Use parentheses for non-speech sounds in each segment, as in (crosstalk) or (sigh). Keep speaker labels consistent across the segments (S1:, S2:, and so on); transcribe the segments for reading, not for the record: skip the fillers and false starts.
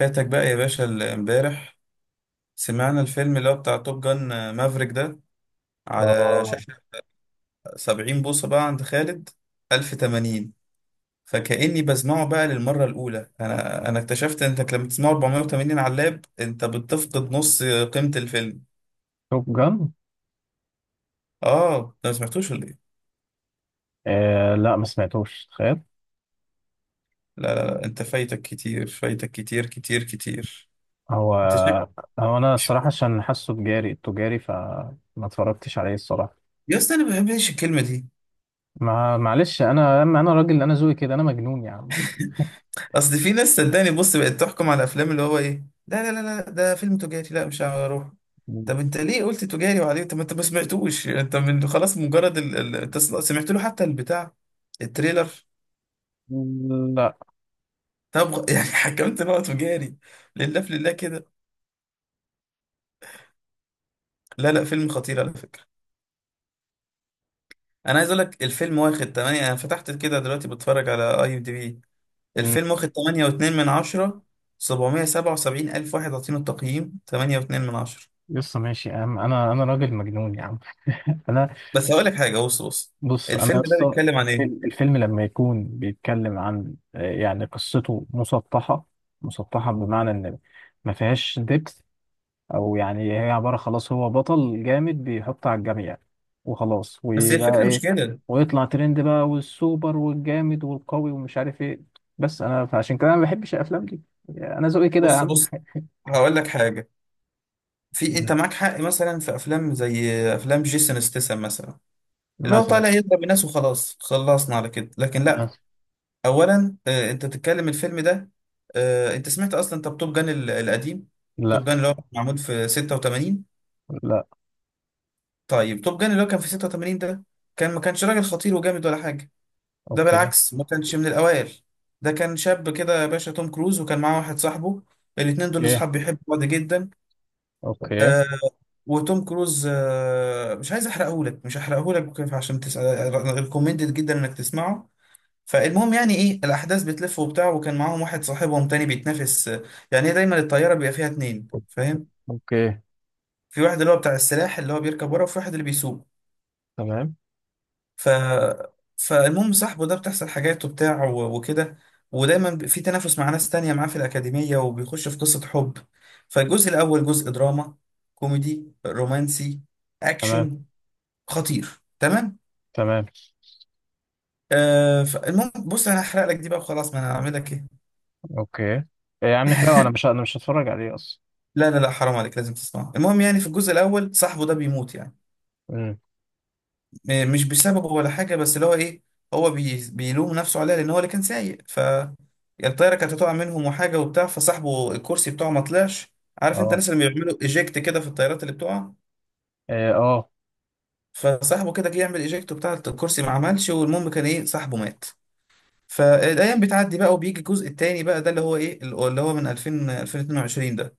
S1: فاتك بقى يا باشا امبارح سمعنا الفيلم اللي هو بتاع توب جان، مافريك ده، على
S2: اه.
S1: شاشة 70 بوصة بقى عند خالد، 1080. فكأني بسمعه بقى للمرة الأولى. أنا اكتشفت إنك لما تسمعه 480 على اللاب أنت بتفقد نص قيمة الفيلم.
S2: توب جان؟
S1: آه، أنت ما سمعتوش ولا إيه؟
S2: آه لا، ما سمعتوش، تخيل.
S1: لا لا لا، أنت فايتك كتير، فايتك كتير كتير كتير.
S2: هو
S1: أنت شكلك
S2: هو انا
S1: مش...
S2: الصراحه عشان حاسه تجاري فما اتفرجتش عليه الصراحه.
S1: يا اسطى، أنا ما بحبش الكلمة دي.
S2: ما معلش انا، انا راجل، انا ذوقي كده، انا مجنون يا عم.
S1: اصل في ناس صدقني، بص، بقت تحكم على الافلام اللي هو ايه، لا لا لا لا، ده فيلم تجاري، لا مش هروح. طب انت ليه قلت تجاري وعليه؟ طب ما انت ما سمعتوش، انت من خلاص مجرد انت سمعت له حتى البتاع، التريلر؟
S2: لا.
S1: طب (laughs) يعني حكمت ان هو تجاري؟ لله في لله كده. لا لا، فيلم خطير على فكره. انا عايز اقول لك الفيلم واخد 8، انا فتحت كده دلوقتي بتفرج على اي ام دي بي.
S2: مم.
S1: الفيلم واخد 8.2 من 10. 777 الف واحد عاطينه التقييم 8.2 من 10.
S2: يسطا ماشي يا عم، انا راجل مجنون يا عم. (laughs) انا.
S1: بس هقول لك حاجه، بص بص،
S2: بص انا
S1: الفيلم ده
S2: يسطا،
S1: بيتكلم عن
S2: الفيلم
S1: ايه؟
S2: الفيلم لما يكون بيتكلم عن يعني قصته مسطحه، مسطحه بمعنى ان ما فيهاش ديبث. او يعني هي عباره، خلاص هو بطل جامد بيحط على الجميع وخلاص.
S1: بس هي
S2: ويبقى
S1: الفكره مش
S2: ايه؟
S1: كده.
S2: ويطلع ترند بقى، والسوبر والجامد والقوي ومش عارف ايه. بس انا فعشان كده انا ما بحبش الافلام دي، انا ذوقي كده يا
S1: بص
S2: عم.
S1: بص، هقول لك حاجه. في
S2: مم.
S1: انت معاك حق مثلا في افلام زي افلام جيسون ستاثام مثلا، اللي هو
S2: مثلا.
S1: طالع يضرب الناس وخلاص، خلصنا على كده، لكن
S2: مثلا.
S1: لا. اولا انت بتتكلم الفيلم ده. آه، انت سمعت اصلا طب توب جان القديم؟ توب
S2: لا
S1: جان اللي هو معمول في 86.
S2: لا.
S1: طيب توب جان اللي هو كان في 86 ده، كان ما كانش راجل خطير وجامد ولا حاجه، ده
S2: اوكي.
S1: بالعكس، ما كانش من الأوائل. ده كان شاب كده يا باشا، توم كروز، وكان معاه واحد صاحبه. الاتنين دول
S2: ايه.
S1: أصحاب بيحبوا بعض جدا.
S2: اوكي.
S1: وتوم كروز، آه، مش عايز أحرقهولك، مش هحرقهولك كيف، عشان تسأل، ريكومندد جدا إنك تسمعه. فالمهم يعني إيه، الأحداث بتلف وبتاع، وكان معاهم واحد صاحبهم تاني بيتنافس. آه، يعني إيه، دايما الطيارة بيبقى فيها اتنين، فاهم؟
S2: اوكي.
S1: في واحد اللي هو بتاع السلاح اللي هو بيركب ورا، وفي واحد اللي بيسوق.
S2: تمام.
S1: ف فالمهم صاحبه ده بتحصل حاجات وبتاع وكده. ودايما في تنافس مع ناس تانية معاه في الأكاديمية، وبيخش في قصة حب. فالجزء الأول جزء دراما، كوميدي، رومانسي،
S2: تمام.
S1: أكشن، خطير، تمام.
S2: تمام.
S1: آه، فالمهم بص، أنا هحرق لك دي بقى وخلاص، ما أنا هعمل لك إيه.
S2: اوكي. إيه يا عم نحرقه، انا مش،
S1: (laughs)
S2: انا مش هتفرج عليه اصلا.
S1: لا لا لا، حرام عليك، لازم تسمعه. المهم يعني في الجزء الأول صاحبه ده بيموت، يعني
S2: مم.
S1: مش بسببه ولا حاجة، بس اللي هو ايه، هو بيلوم نفسه عليها لان هو اللي كان سايق. ف يعني الطيارة كانت هتقع منهم وحاجة وبتاع، فصاحبه الكرسي بتاعه ما طلعش. عارف انت
S2: اه.
S1: الناس اللي بيعملوا ايجكت كده في الطيارات اللي بتقع؟
S2: إيه، اه.
S1: فصاحبه كده جه يعمل ايجكت بتاع الكرسي، ما عملش، والمهم كان ايه، صاحبه مات. فالايام بتعدي بقى وبيجي الجزء التاني بقى، ده اللي هو ايه، اللي هو من 2000، 2022 ده.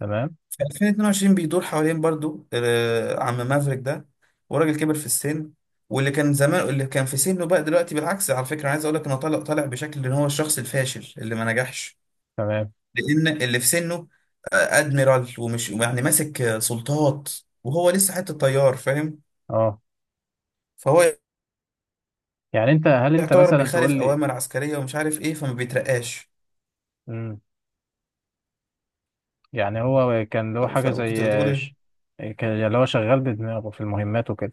S2: تمام.
S1: 2022 بيدور حوالين برضو، آه، عم مافريك ده، وراجل كبر في السن. واللي كان زمان اللي كان في سنه بقى دلوقتي بالعكس. على فكرة أنا عايز اقول لك انه طالع، طالع بشكل ان هو الشخص الفاشل اللي ما نجحش.
S2: تمام.
S1: لان اللي في سنه آه، ادميرال، ومش يعني ماسك، آه، سلطات، وهو لسه حتة طيار، فاهم.
S2: اه.
S1: فهو
S2: يعني انت، هل انت
S1: يعتبر
S2: مثلا
S1: بيخالف
S2: تقول
S1: اوامر عسكرية ومش عارف ايه، فما بيترقاش.
S2: لي يعني هو كان له حاجة
S1: فكنت
S2: زي
S1: بتقول
S2: ش-
S1: ايه؟
S2: كان اللي هو شغال بدماغه في المهمات وكده.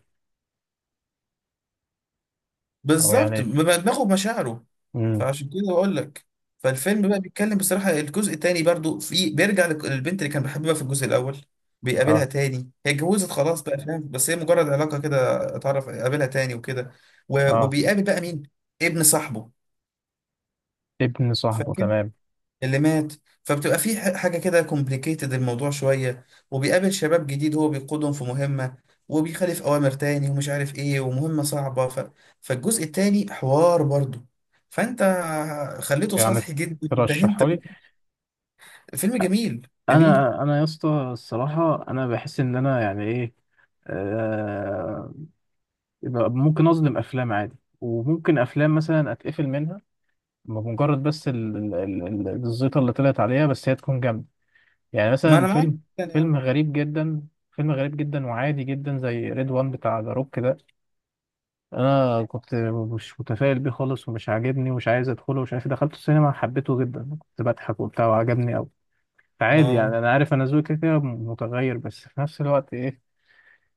S2: أو
S1: بالظبط،
S2: يعني
S1: بيبقى دماغه بمشاعره.
S2: مم.
S1: فعشان كده بقول لك. فالفيلم بقى بيتكلم، بصراحة الجزء التاني برضو، في بيرجع للبنت اللي كان بيحبها في الجزء الأول. بيقابلها
S2: اه.
S1: تاني، هي اتجوزت خلاص بقى فاهم، بس هي مجرد علاقة كده، اتعرف قابلها تاني وكده.
S2: اه.
S1: وبيقابل بقى مين؟ ابن صاحبه
S2: ابن صاحبه، تمام.
S1: اللي مات. فبتبقى في حاجة كده كومبليكيتد الموضوع شوية. وبيقابل شباب جديد، هو بيقودهم في مهمة، وبيخالف أوامر تاني ومش عارف إيه، ومهمة صعبة ف... فالجزء التاني حوار برضه. فأنت خليته
S2: يعني
S1: سطحي جدا ده أنت.
S2: ترشحه لي؟
S1: فيلم جميل جميل.
S2: أنا يا اسطى الصراحة، أنا بحس إن أنا يعني إيه، آه، يبقى ممكن أظلم أفلام عادي، وممكن أفلام مثلا أتقفل منها بمجرد بس الزيطة اللي طلعت عليها، بس هي تكون جامدة. يعني
S1: ما
S2: مثلا
S1: أنا معاك،
S2: فيلم،
S1: يعني
S2: فيلم
S1: آه،
S2: غريب جدا، فيلم غريب جدا وعادي جدا زي ريد وان بتاع ذا روك ده. انا كنت مش متفائل بيه خالص، ومش عاجبني، ومش عايز ادخله، ومش عارف إيه. دخلته السينما، حبيته جدا، كنت بضحك وبتاع، وعجبني قوي. فعادي يعني،
S1: آه،
S2: انا عارف انا ذوقي كده كده متغير، بس في نفس الوقت ايه،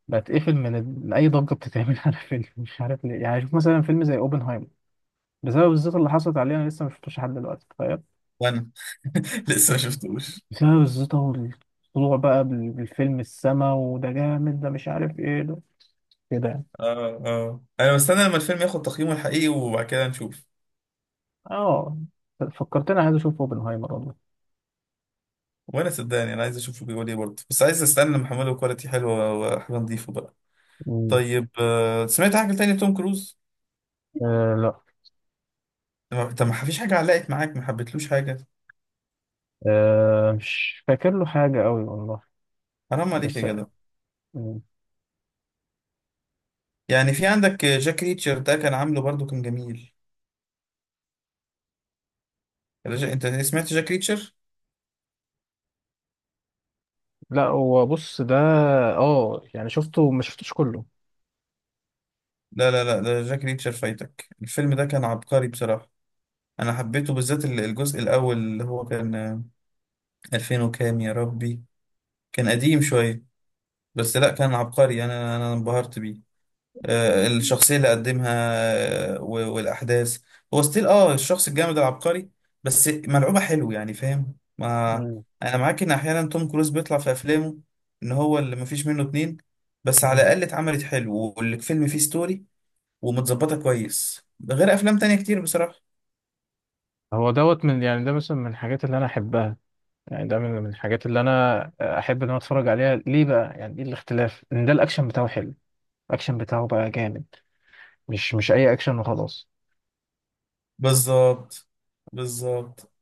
S2: بتقفل من من اي ضجه بتتعمل (laughs) على فيلم مش عارف ليه. يعني شوف مثلا فيلم زي اوبنهايمر، بسبب الزيطه اللي حصلت عليه انا لسه ما شفتوش لحد دلوقتي، تخيل.
S1: وأنا (laughs) لسه ما شفتوش.
S2: بسبب الزيطة والطلوع بقى بالفيلم، السما وده جامد ده مش عارف ايه ده، كده يعني.
S1: آه آه، أنا مستني لما الفيلم ياخد تقييمه الحقيقي وبعد كده نشوف.
S2: اه، فكرتني، عايز اشوف اوبنهايمر والله.
S1: وأنا صدقني أنا عايز أشوفه بيقول إيه برضه، بس عايز أستنى لما أحمله كواليتي حلوة وحاجة نضيفة بقى.
S2: مم.
S1: طيب، آه، سمعت حاجة تانية توم كروز؟
S2: آه لا.
S1: طب ما فيش حاجة علقت معاك، ما حبيتلوش حاجة؟
S2: آه، مش فاكر له حاجة قوي والله.
S1: حرام عليك يا
S2: بس
S1: جدع.
S2: مم.
S1: يعني في عندك جاك ريتشر، ده كان عامله برضو كان جميل. انت سمعت جاك ريتشر؟
S2: لا، هو بص ده اه، يعني شفته ما شفتوش كله.
S1: لا لا لا، ده جاك ريتشر فايتك، الفيلم ده كان عبقري بصراحة. انا حبيته بالذات الجزء الاول اللي هو كان، آه، 2000 وكام يا ربي، كان قديم شوية. بس لا، كان عبقري يعني، انا انبهرت بيه. آه، الشخصية اللي قدمها، آه، والأحداث. هو ستيل، اه، الشخص الجامد العبقري، بس ملعوبة حلو يعني فاهم. ما
S2: مم.
S1: أنا معاك إن أحيانا توم كروز بيطلع في أفلامه إن هو اللي مفيش منه اتنين. بس على
S2: مم.
S1: الأقل اتعملت حلو والفيلم فيه ستوري ومتظبطة كويس، غير أفلام تانية كتير بصراحة.
S2: هو دوت من، يعني ده مثلا من الحاجات اللي انا احبها، يعني ده من الحاجات اللي انا احب ان انا اتفرج عليها. ليه بقى؟ يعني ايه الاختلاف؟ ان ده الاكشن بتاعه حلو، الاكشن بتاعه بقى جامد، مش اي اكشن وخلاص.
S1: بالظبط، بالظبط.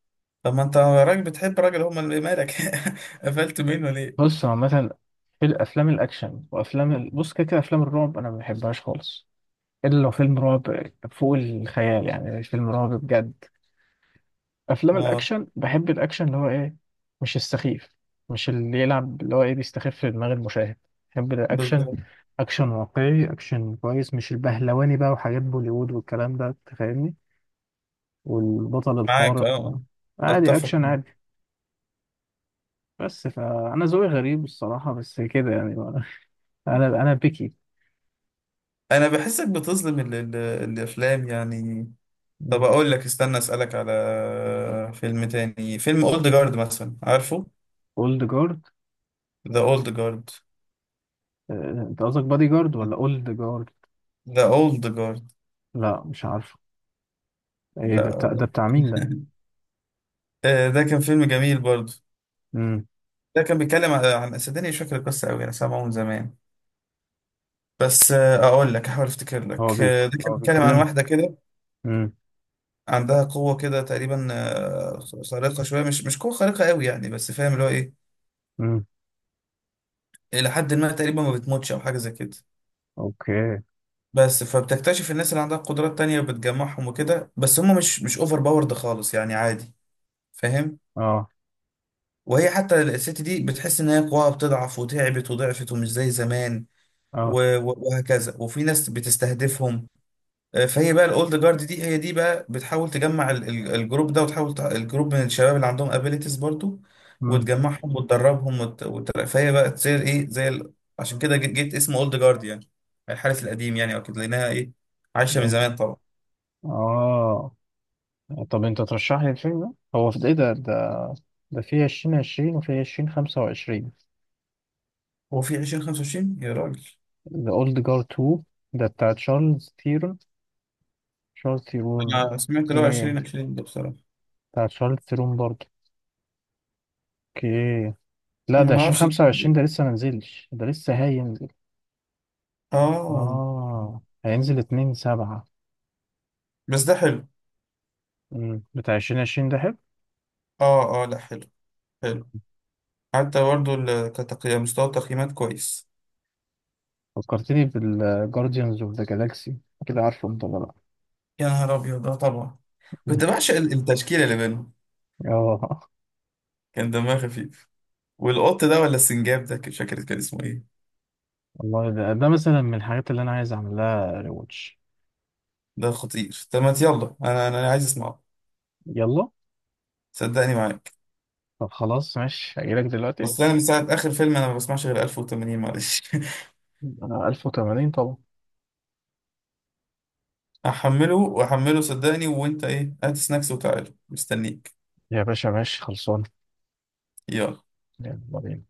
S1: طب ما أنت راجل بتحب راجل، هما اللي مالك. (laughs) قفلت منه ليه؟
S2: بص هو عامه في الافلام الاكشن وافلام بص كده كده افلام الرعب انا ما بحبهاش خالص، الا لو فيلم رعب فوق الخيال، يعني فيلم رعب بجد. افلام
S1: اه،
S2: الاكشن بحب الاكشن اللي هو ايه، مش السخيف، مش اللي يلعب اللي هو ايه بيستخف في دماغ المشاهد. بحب الاكشن،
S1: بالظبط،
S2: اكشن واقعي، اكشن كويس، مش البهلواني بقى وحاجات بوليوود والكلام ده، أنت فاهمني، والبطل
S1: معاك
S2: الخارق.
S1: اه،
S2: عادي،
S1: أتفق.
S2: اكشن عادي. بس فانا ذوقي غريب الصراحه، بس كده يعني. (laughs) انا بيكي.
S1: انا بحسك بتظلم ال الافلام يعني. طب اقول لك، استنى اسالك على فيلم تاني، فيلم اولد جارد مثلا، عارفه؟
S2: اولد جارد؟
S1: ذا اولد جارد.
S2: انت قصدك بادي جارد ولا اولد جارد؟
S1: ذا اولد جارد
S2: لا مش عارفه، ايه ده؟
S1: ده.
S2: بتاع ده، بتاع مين ده؟
S1: (laughs) آه، ده كان فيلم جميل برضه.
S2: امم.
S1: ده كان بيتكلم عن صدقني مش فاكر القصه قوي، انا سامعه من زمان. بس آه، اقول لك احاول افتكر
S2: هو
S1: لك.
S2: بي،
S1: آه، ده كان
S2: هو
S1: بيتكلم عن
S2: بيتكلم.
S1: واحده كده
S2: امم.
S1: عندها قوه كده تقريبا، آه، خارقه شويه، مش قوه خارقه قوي يعني، بس فاهم اللي هو ايه،
S2: امم.
S1: الى حد ما تقريبا ما بتموتش او حاجه زي كده.
S2: اوكي.
S1: بس فبتكتشف الناس اللي عندها قدرات تانية بتجمعهم وكده، بس هم مش اوفر باورد خالص يعني عادي فاهم.
S2: اه.
S1: وهي حتى الست دي بتحس ان هي قواها بتضعف وتعبت وضعفت ومش زي زمان،
S2: اه.
S1: وهكذا، وفي ناس بتستهدفهم. آه، فهي بقى الاولد جارد دي، هي دي بقى بتحاول تجمع الجروب ده، وتحاول الجروب من الشباب اللي عندهم ابيليتيز برضو،
S2: امم.
S1: وتجمعهم وتدربهم وت... وت... فهي بقى تصير ايه زي ال... عشان كده جيت اسمه اولد جارد يعني، الحارس القديم يعني، اكيد لانها ايه، عايشه من زمان طبعا.
S2: اه. طب انت ترشح لي الفيلم ده، هو في ايه؟ ده ده في 2020 وفي 2025؟
S1: هو في 2025 يا راجل.
S2: ذا اولد جارد 2، ده بتاع تشارلز تيرون. تشارلز تيرون،
S1: انا سمعت اللي هو
S2: اوكي.
S1: 2020 ده بصراحة.
S2: بتاع شارلز تيرون برضه، اوكي. لا
S1: انا
S2: ده
S1: ما اعرفش.
S2: 2025 ده لسه ما نزلش، ده لسه هينزل.
S1: اه،
S2: اه هينزل 2 7.
S1: بس ده حلو،
S2: امم، بتاع 2020 ده حلو.
S1: اه اه لا حلو، حلو، حتى برضه كتقييم، مستوى التقييمات كويس.
S2: فكرتني بالجارديانز اوف ذا جالاكسي، كده، عارفه انت ولا؟
S1: يا نهار ابيض ده طبعا!
S2: لا.
S1: كنت بعشق التشكيلة اللي بينهم،
S2: (laughs) اه.
S1: كان دمها خفيف. والقط ده ولا السنجاب ده، مش فاكر كان اسمه ايه.
S2: والله ده، ده مثلا من الحاجات اللي انا عايز اعمل لها ريواتش.
S1: ده خطير، طب ما يلا، انا انا أنا عايز اسمعه،
S2: يلا.
S1: صدقني معاك.
S2: طب خلاص ماشي، هجيلك دلوقتي.
S1: بس انا من ساعة اخر فيلم انا ما بسمعش غير 1080، معلش.
S2: انا 1080 طبعا.
S1: احمله واحمله صدقني، وانت ايه، هات سناكس وتعالى مستنيك.
S2: يا باشا ماشي، خلصان.
S1: يلا.
S2: يلا بينا.